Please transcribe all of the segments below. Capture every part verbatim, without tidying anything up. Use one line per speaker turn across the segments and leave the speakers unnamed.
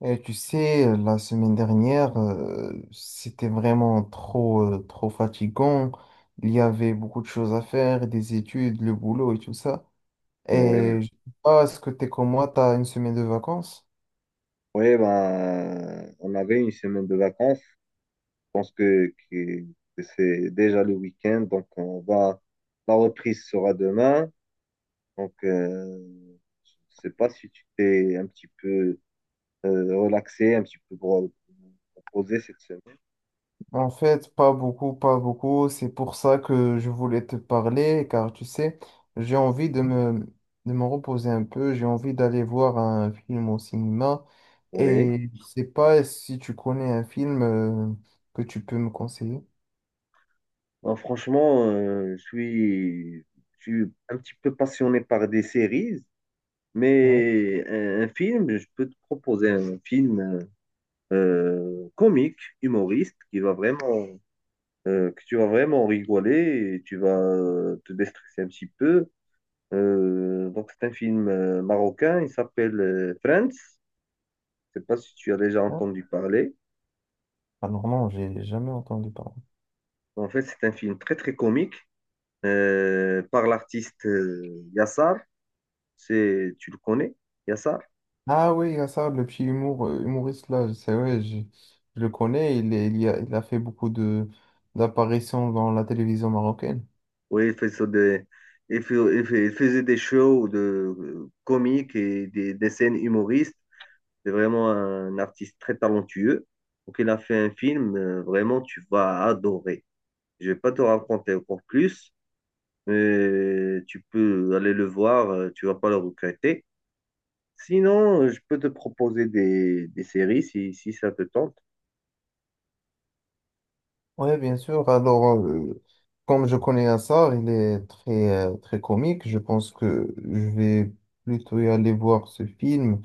Et tu sais, euh, la semaine dernière, euh, c'était vraiment trop, euh, trop fatigant. Il y avait beaucoup de choses à faire, des études, le boulot et tout ça.
Oui,
Et je sais pas, est-ce que t'es comme moi, t'as une semaine de vacances?
oui ben, on avait une semaine de vacances. Je pense que, que- que c'est déjà le week-end, donc on va, la reprise sera demain. Donc, euh, je sais pas si tu t'es un petit peu euh, relaxé, un petit peu pro- reposé cette semaine.
En fait, pas beaucoup, pas beaucoup. C'est pour ça que je voulais te parler, car tu sais, j'ai envie de me, de me reposer un peu. J'ai envie d'aller voir un film au cinéma.
Oui.
Et je sais pas si tu connais un film, euh, que tu peux me conseiller.
Ben, franchement, euh, je suis, je suis un petit peu passionné par des séries,
Ouais.
mais un, un film, je peux te proposer un film euh, comique, humoriste, qui va vraiment euh, que tu vas vraiment rigoler et tu vas euh, te déstresser un petit peu. Euh, donc, c'est un film euh, marocain, il s'appelle euh, Friends. Je sais pas si tu as déjà
Hein.
entendu parler.
Alors non, j'ai jamais entendu parler.
En fait, c'est un film très, très comique euh, par l'artiste euh, Yassar. C'est, tu le connais, Yassar?
Ah oui, il y a ça, le petit humour, euh, humoriste là, c'est vrai, je, je le connais, il, est- il, y a, il a fait beaucoup de d'apparitions dans la télévision marocaine.
Oui, il fait ça des, il fait- il fait- il faisait des shows de euh, comiques et des, des scènes humoristes. C'est vraiment un artiste très talentueux. Donc, il a fait un film, euh, vraiment, tu vas adorer. Je vais pas te raconter encore plus, mais tu peux aller le voir, euh, tu vas pas le regretter. Sinon, euh, je peux te proposer des, des séries si, si ça te tente.
Oui, bien sûr. Alors, euh, comme je connais Assar, il est très, euh, très comique. Je pense que je vais plutôt y aller voir ce film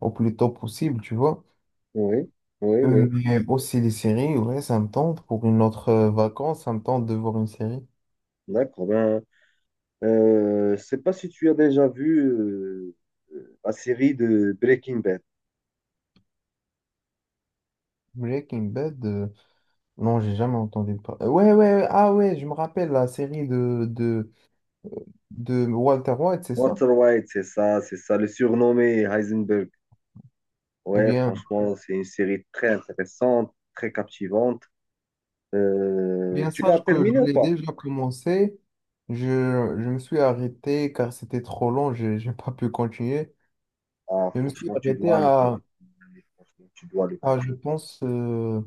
au plus tôt possible, tu vois.
Oui, oui,
Euh,
oui.
Mais aussi les séries, ouais, ça me tente. Pour une autre euh, vacance, ça me tente de voir une série.
D'accord. Ben, Euh, je sais pas si tu as déjà vu euh, euh, la série de Breaking Bad.
Breaking Bad. euh, Non, j'ai jamais entendu parler. Ouais, ouais, ouais, ah ouais, je me rappelle la série de, de, de Walter White, c'est ça?
Walter White, c'est ça, c'est ça, le surnommé Heisenberg.
Eh
Ouais,
bien,
franchement, c'est une série très intéressante, très captivante.
eh
Euh,
bien
tu l'as
sache que
terminé
je
ou
l'ai
pas?
déjà commencé. Je, je me suis arrêté car c'était trop long, je n'ai pas pu continuer.
Ah,
Je me suis
franchement, tu
arrêté
dois le
à,
continuer. Franchement, tu dois le
À, je
continuer.
pense, euh,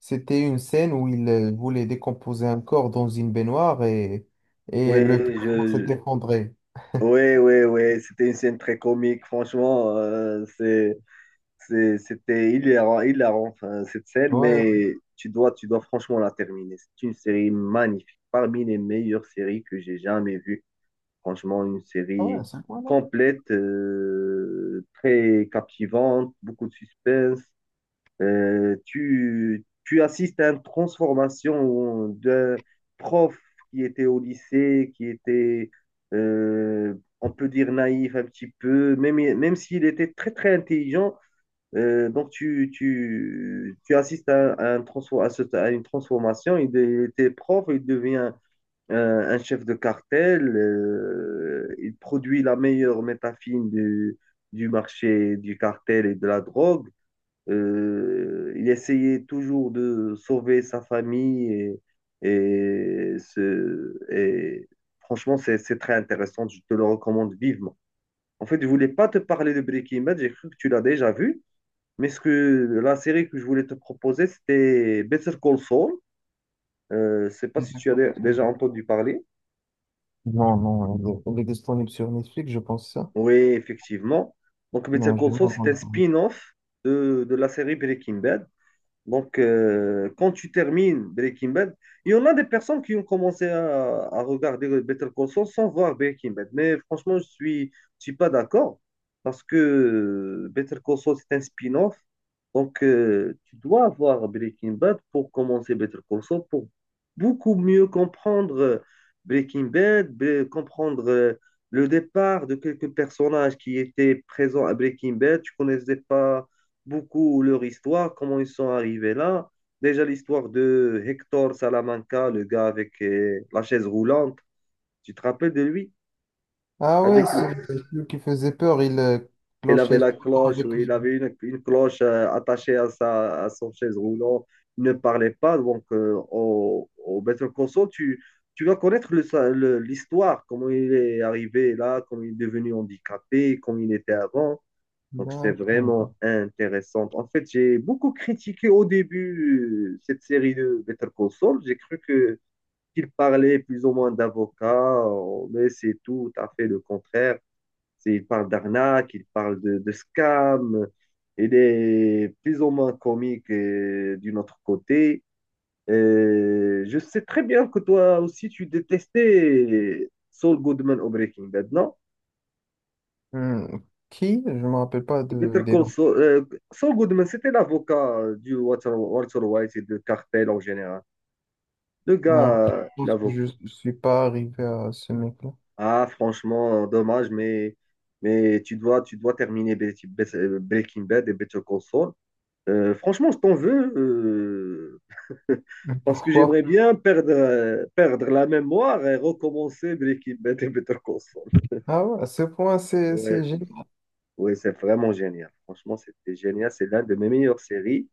c'était une scène où il euh, voulait décomposer un corps dans une baignoire et,
Oui,
et le
je,
plafond s'est
je-
effondré.
oui, oui, oui, c'était une scène très comique. Franchement, euh, c'est C'est- C'était hilarant, hilarant, enfin, cette scène,
Ouais, ouais,
mais tu dois, tu dois franchement la terminer. C'est une série magnifique, parmi les meilleures séries que j'ai jamais vues. Franchement, une
ah ouais,
série
c'est quoi là?
complète, euh, très captivante, beaucoup de suspense. Euh, tu, tu assistes à une transformation d'un prof qui était au lycée, qui était, euh, on peut dire, naïf un petit peu, même, même s'il était très, très intelligent. Euh, donc, tu, tu, tu assistes à, à un transfo- à ce- à une transformation. Il, de- il était prof, il devient euh, un chef de cartel. Euh, il produit la meilleure métafine du, du marché du cartel et de la drogue. Euh, il essayait toujours de sauver sa famille. Et, et, ce, et franchement, c'est c'est très intéressant. Je te le recommande vivement. En fait, je voulais pas te parler de Breaking Bad. J'ai cru que tu l'as déjà vu. Mais ce que la série que je voulais te proposer, c'était Better Call Saul. Euh, je ne sais pas si tu as
D'accord.
dé- déjà entendu parler.
Non, non, il est il est disponible sur Netflix, je pense ça.
Oui, effectivement. Donc, Better
Non, je
Call
n'ai pas
Saul, c'est un
entendu.
spin-off de, de la série Breaking Bad. Donc, euh, quand tu termines Breaking Bad, il y en a des personnes qui ont commencé à, à regarder Better Call Saul sans voir Breaking Bad. Mais franchement, je suis, je suis pas d'accord parce que Better Call Saul, c'est un spin-off. Donc, euh, tu dois avoir Breaking Bad pour commencer Better Call Saul, pour beaucoup mieux comprendre euh, Breaking Bad, bre- comprendre euh, le départ de quelques personnages qui étaient présents à Breaking Bad. Tu connaissais pas beaucoup leur histoire, comment ils sont arrivés là. Déjà l'histoire de Hector Salamanca, le gars avec euh, la chaise roulante, tu te rappelles de lui?
Ah ouais,
Avec,
c'est celui qui faisait peur, il euh,
il avait
clochait
la
tout le temps
cloche,
avec
oui il
lui.
avait une, une cloche euh, attachée à, sa, à son chaise roulante, il ne parlait pas. Donc euh, au, au Better Call Saul, tu, tu vas connaître le- le- l'histoire, comment il est arrivé là, comment il est devenu handicapé, comment il était avant. Donc, c'est
D'accord.
vraiment intéressant. En fait, j'ai beaucoup critiqué au début euh, cette série de Better Call Saul. J'ai cru que qu'il parlait plus ou moins d'avocats, euh, mais c'est tout à fait le contraire. C'est- Il parle d'arnaque, il parle de, de scam. Il est plus ou moins comique euh, d'un autre côté. Euh, je sais très bien que toi aussi, tu détestais euh, Saul Goodman au Breaking Bad, non?
Hmm. Qui? Je me rappelle pas de,
Better
des
Call
noms.
Saul, euh, Saul Goodman, c'était l'avocat euh, du Walter, Walter White et de cartel en général. Le gars,
Non, je
euh,
pense que je
l'avocat.
ne suis pas arrivé à ce mec-là.
Ah, franchement, dommage, mais, mais tu dois, tu dois terminer Be- Be- Breaking Bad et Better Call Saul. Euh, franchement, je t'en veux, euh,
Mais
parce que
pourquoi?
j'aimerais bien perdre, euh, perdre la mémoire et recommencer Breaking Bad et Better Call Saul.
Ah ouais, à ce point, c'est
Ouais,
c'est génial.
ouais, c'est vraiment génial. Franchement, c'était génial. C'est l'un de mes meilleures séries.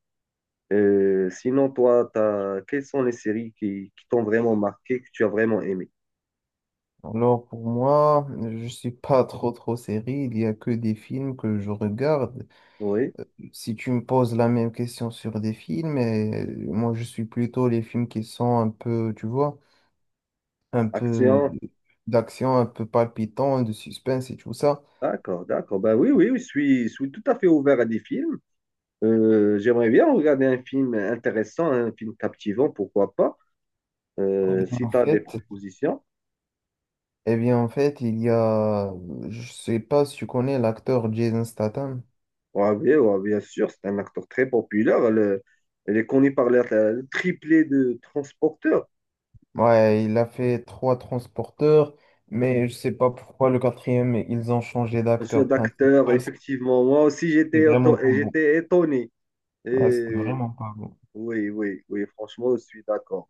Euh, sinon, toi, t'as... quelles sont les séries qui, qui t'ont vraiment marqué, que tu as vraiment aimé?
Alors pour moi, je suis pas trop trop série, il y a que des films que je regarde.
Oui,
Si tu me poses la même question sur des films, et moi je suis plutôt les films qui sont un peu, tu vois, un peu
action.
d'action, un peu palpitant, de suspense et tout ça.
D'accord, d'accord. Ben oui, oui, oui, je suis, je suis tout à fait ouvert à des films. Euh, j'aimerais bien regarder un film intéressant, un film captivant, pourquoi pas.
Eh
Euh,
bien,
si
en
tu as des
fait,
propositions.
eh bien, en fait, il y a, je sais pas si tu connais l'acteur Jason Statham.
Ouais, bien, ouais, bien sûr, c'est un acteur très populaire. Elle, est elle est connue par la- la- le triplé de transporteur.
Ouais, il a fait trois transporteurs, mais je sais pas pourquoi le quatrième, ils ont changé
Un jeu
d'acteur principal.
d'acteur, effectivement. Moi aussi, j'étais
C'était
éto-
vraiment pas bon.
j'étais étonné.
Ouais, c'était vraiment pas bon.
Oui, oui, oui, franchement, je suis d'accord.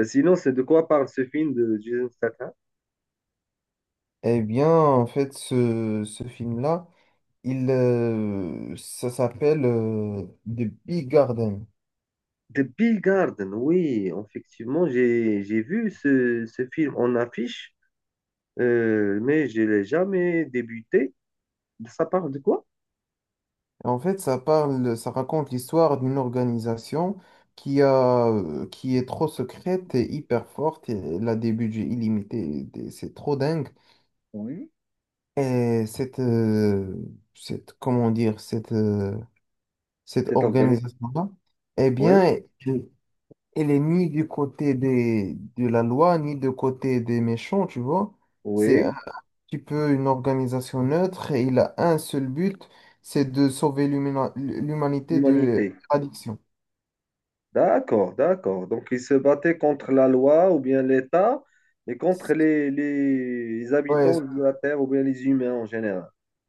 Euh, sinon, c'est de quoi parle ce film de Jason Statham?
Eh bien, en fait, ce, ce film-là. Il, euh, ça s'appelle euh, The Big Garden.
The Bill Garden, oui, effectivement, j'ai j'ai vu ce, ce film en affiche, euh, mais je l'ai jamais débuté. Ça parle de quoi?
En fait, ça parle, ça raconte l'histoire d'une organisation qui a, euh, qui est trop secrète et hyper forte. Et elle a des budgets illimités. des- C'est trop dingue.
Oui,
Et cette, euh, cette, comment dire, cette, euh, Cette
cet organisme.
organisation-là, eh
Oui,
bien, elle, elle est ni du côté des, de la loi, ni du côté des méchants, tu vois. C'est
oui,
petit peu une organisation neutre et il a un seul but, c'est de sauver l'humina- l'humanité de
l'humanité.
l'addiction.
D'accord, d'accord. Donc, ils se battaient contre la loi ou bien l'État et contre les, les
Ouais,
habitants
c-
de la Terre ou bien les humains en général.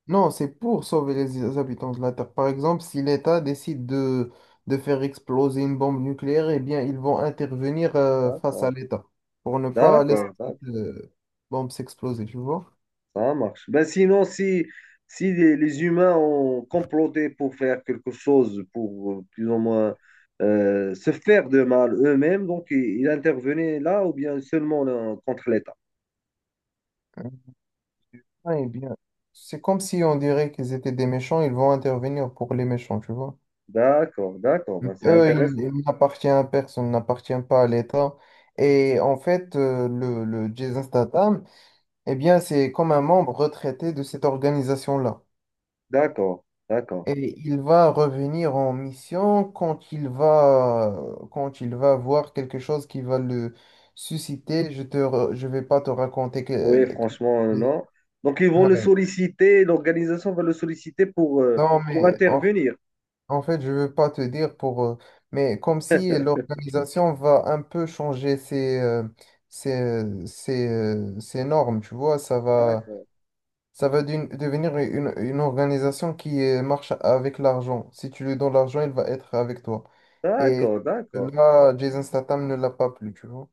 non, c'est pour sauver les habitants de la Terre. Par exemple, si l'État décide de, de faire exploser une bombe nucléaire, eh bien, ils vont intervenir euh, face à
D'accord,
l'État pour ne pas laisser
d'accord,
cette
d'accord.
euh, bombe s'exploser, tu vois?
Ça marche. Ben sinon, si, si les, les humains ont comploté pour faire quelque chose, pour euh, plus ou moins euh, se faire de mal eux-mêmes, donc il, il intervenait là ou bien seulement là, contre l'État.
Ouais, eh bien, c'est comme si on dirait qu'ils étaient des méchants, ils vont intervenir pour les méchants, tu vois?
D'accord, d'accord, ben, c'est
Eux, ils
intéressant.
ils n'appartiennent à personne, n'appartiennent pas à l'État. Et en fait, euh, le, le Jason Statham, eh bien, c'est comme un membre retraité de cette organisation-là.
D'accord, d'accord.
Et il va revenir en mission quand il va, quand il va voir quelque chose qui va le susciter. Je te, re- je vais pas te raconter
Oui,
que... que...
franchement, euh, non. Donc ils vont le
Ouais.
solliciter, l'organisation va le solliciter pour, euh,
Non,
pour
mais en...
intervenir.
En fait, je veux pas te dire pour... euh... Mais comme si l'organisation va un peu changer ses, euh, ses, ses, euh, ses normes, tu vois, ça va,
D'accord,
ça va d'une- devenir une, une organisation qui euh, marche avec l'argent. Si tu lui donnes l'argent, il va être avec toi. Et
d'accord, d'accord.
là, Jason Statham ne l'a pas plus, tu vois.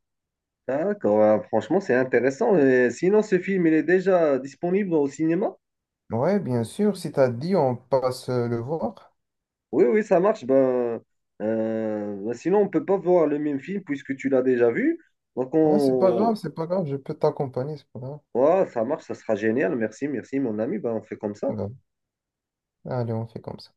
D'accord, ah, franchement, c'est intéressant. Euh, sinon, ce film, il est déjà disponible au cinéma?
Ouais, bien sûr, si t'as dit, on passe euh, le voir.
Oui, oui, ça marche. Ben, euh, ben sinon, on peut pas voir le même film puisque tu l'as déjà vu. Donc,
Ouais, c'est pas
on...
grave, c'est pas grave, je peux t'accompagner, c'est pas grave.
ouais, ça marche, ça sera génial. Merci, merci, mon ami. Ben, on fait comme ça.
Pas grave. Allez, on fait comme ça.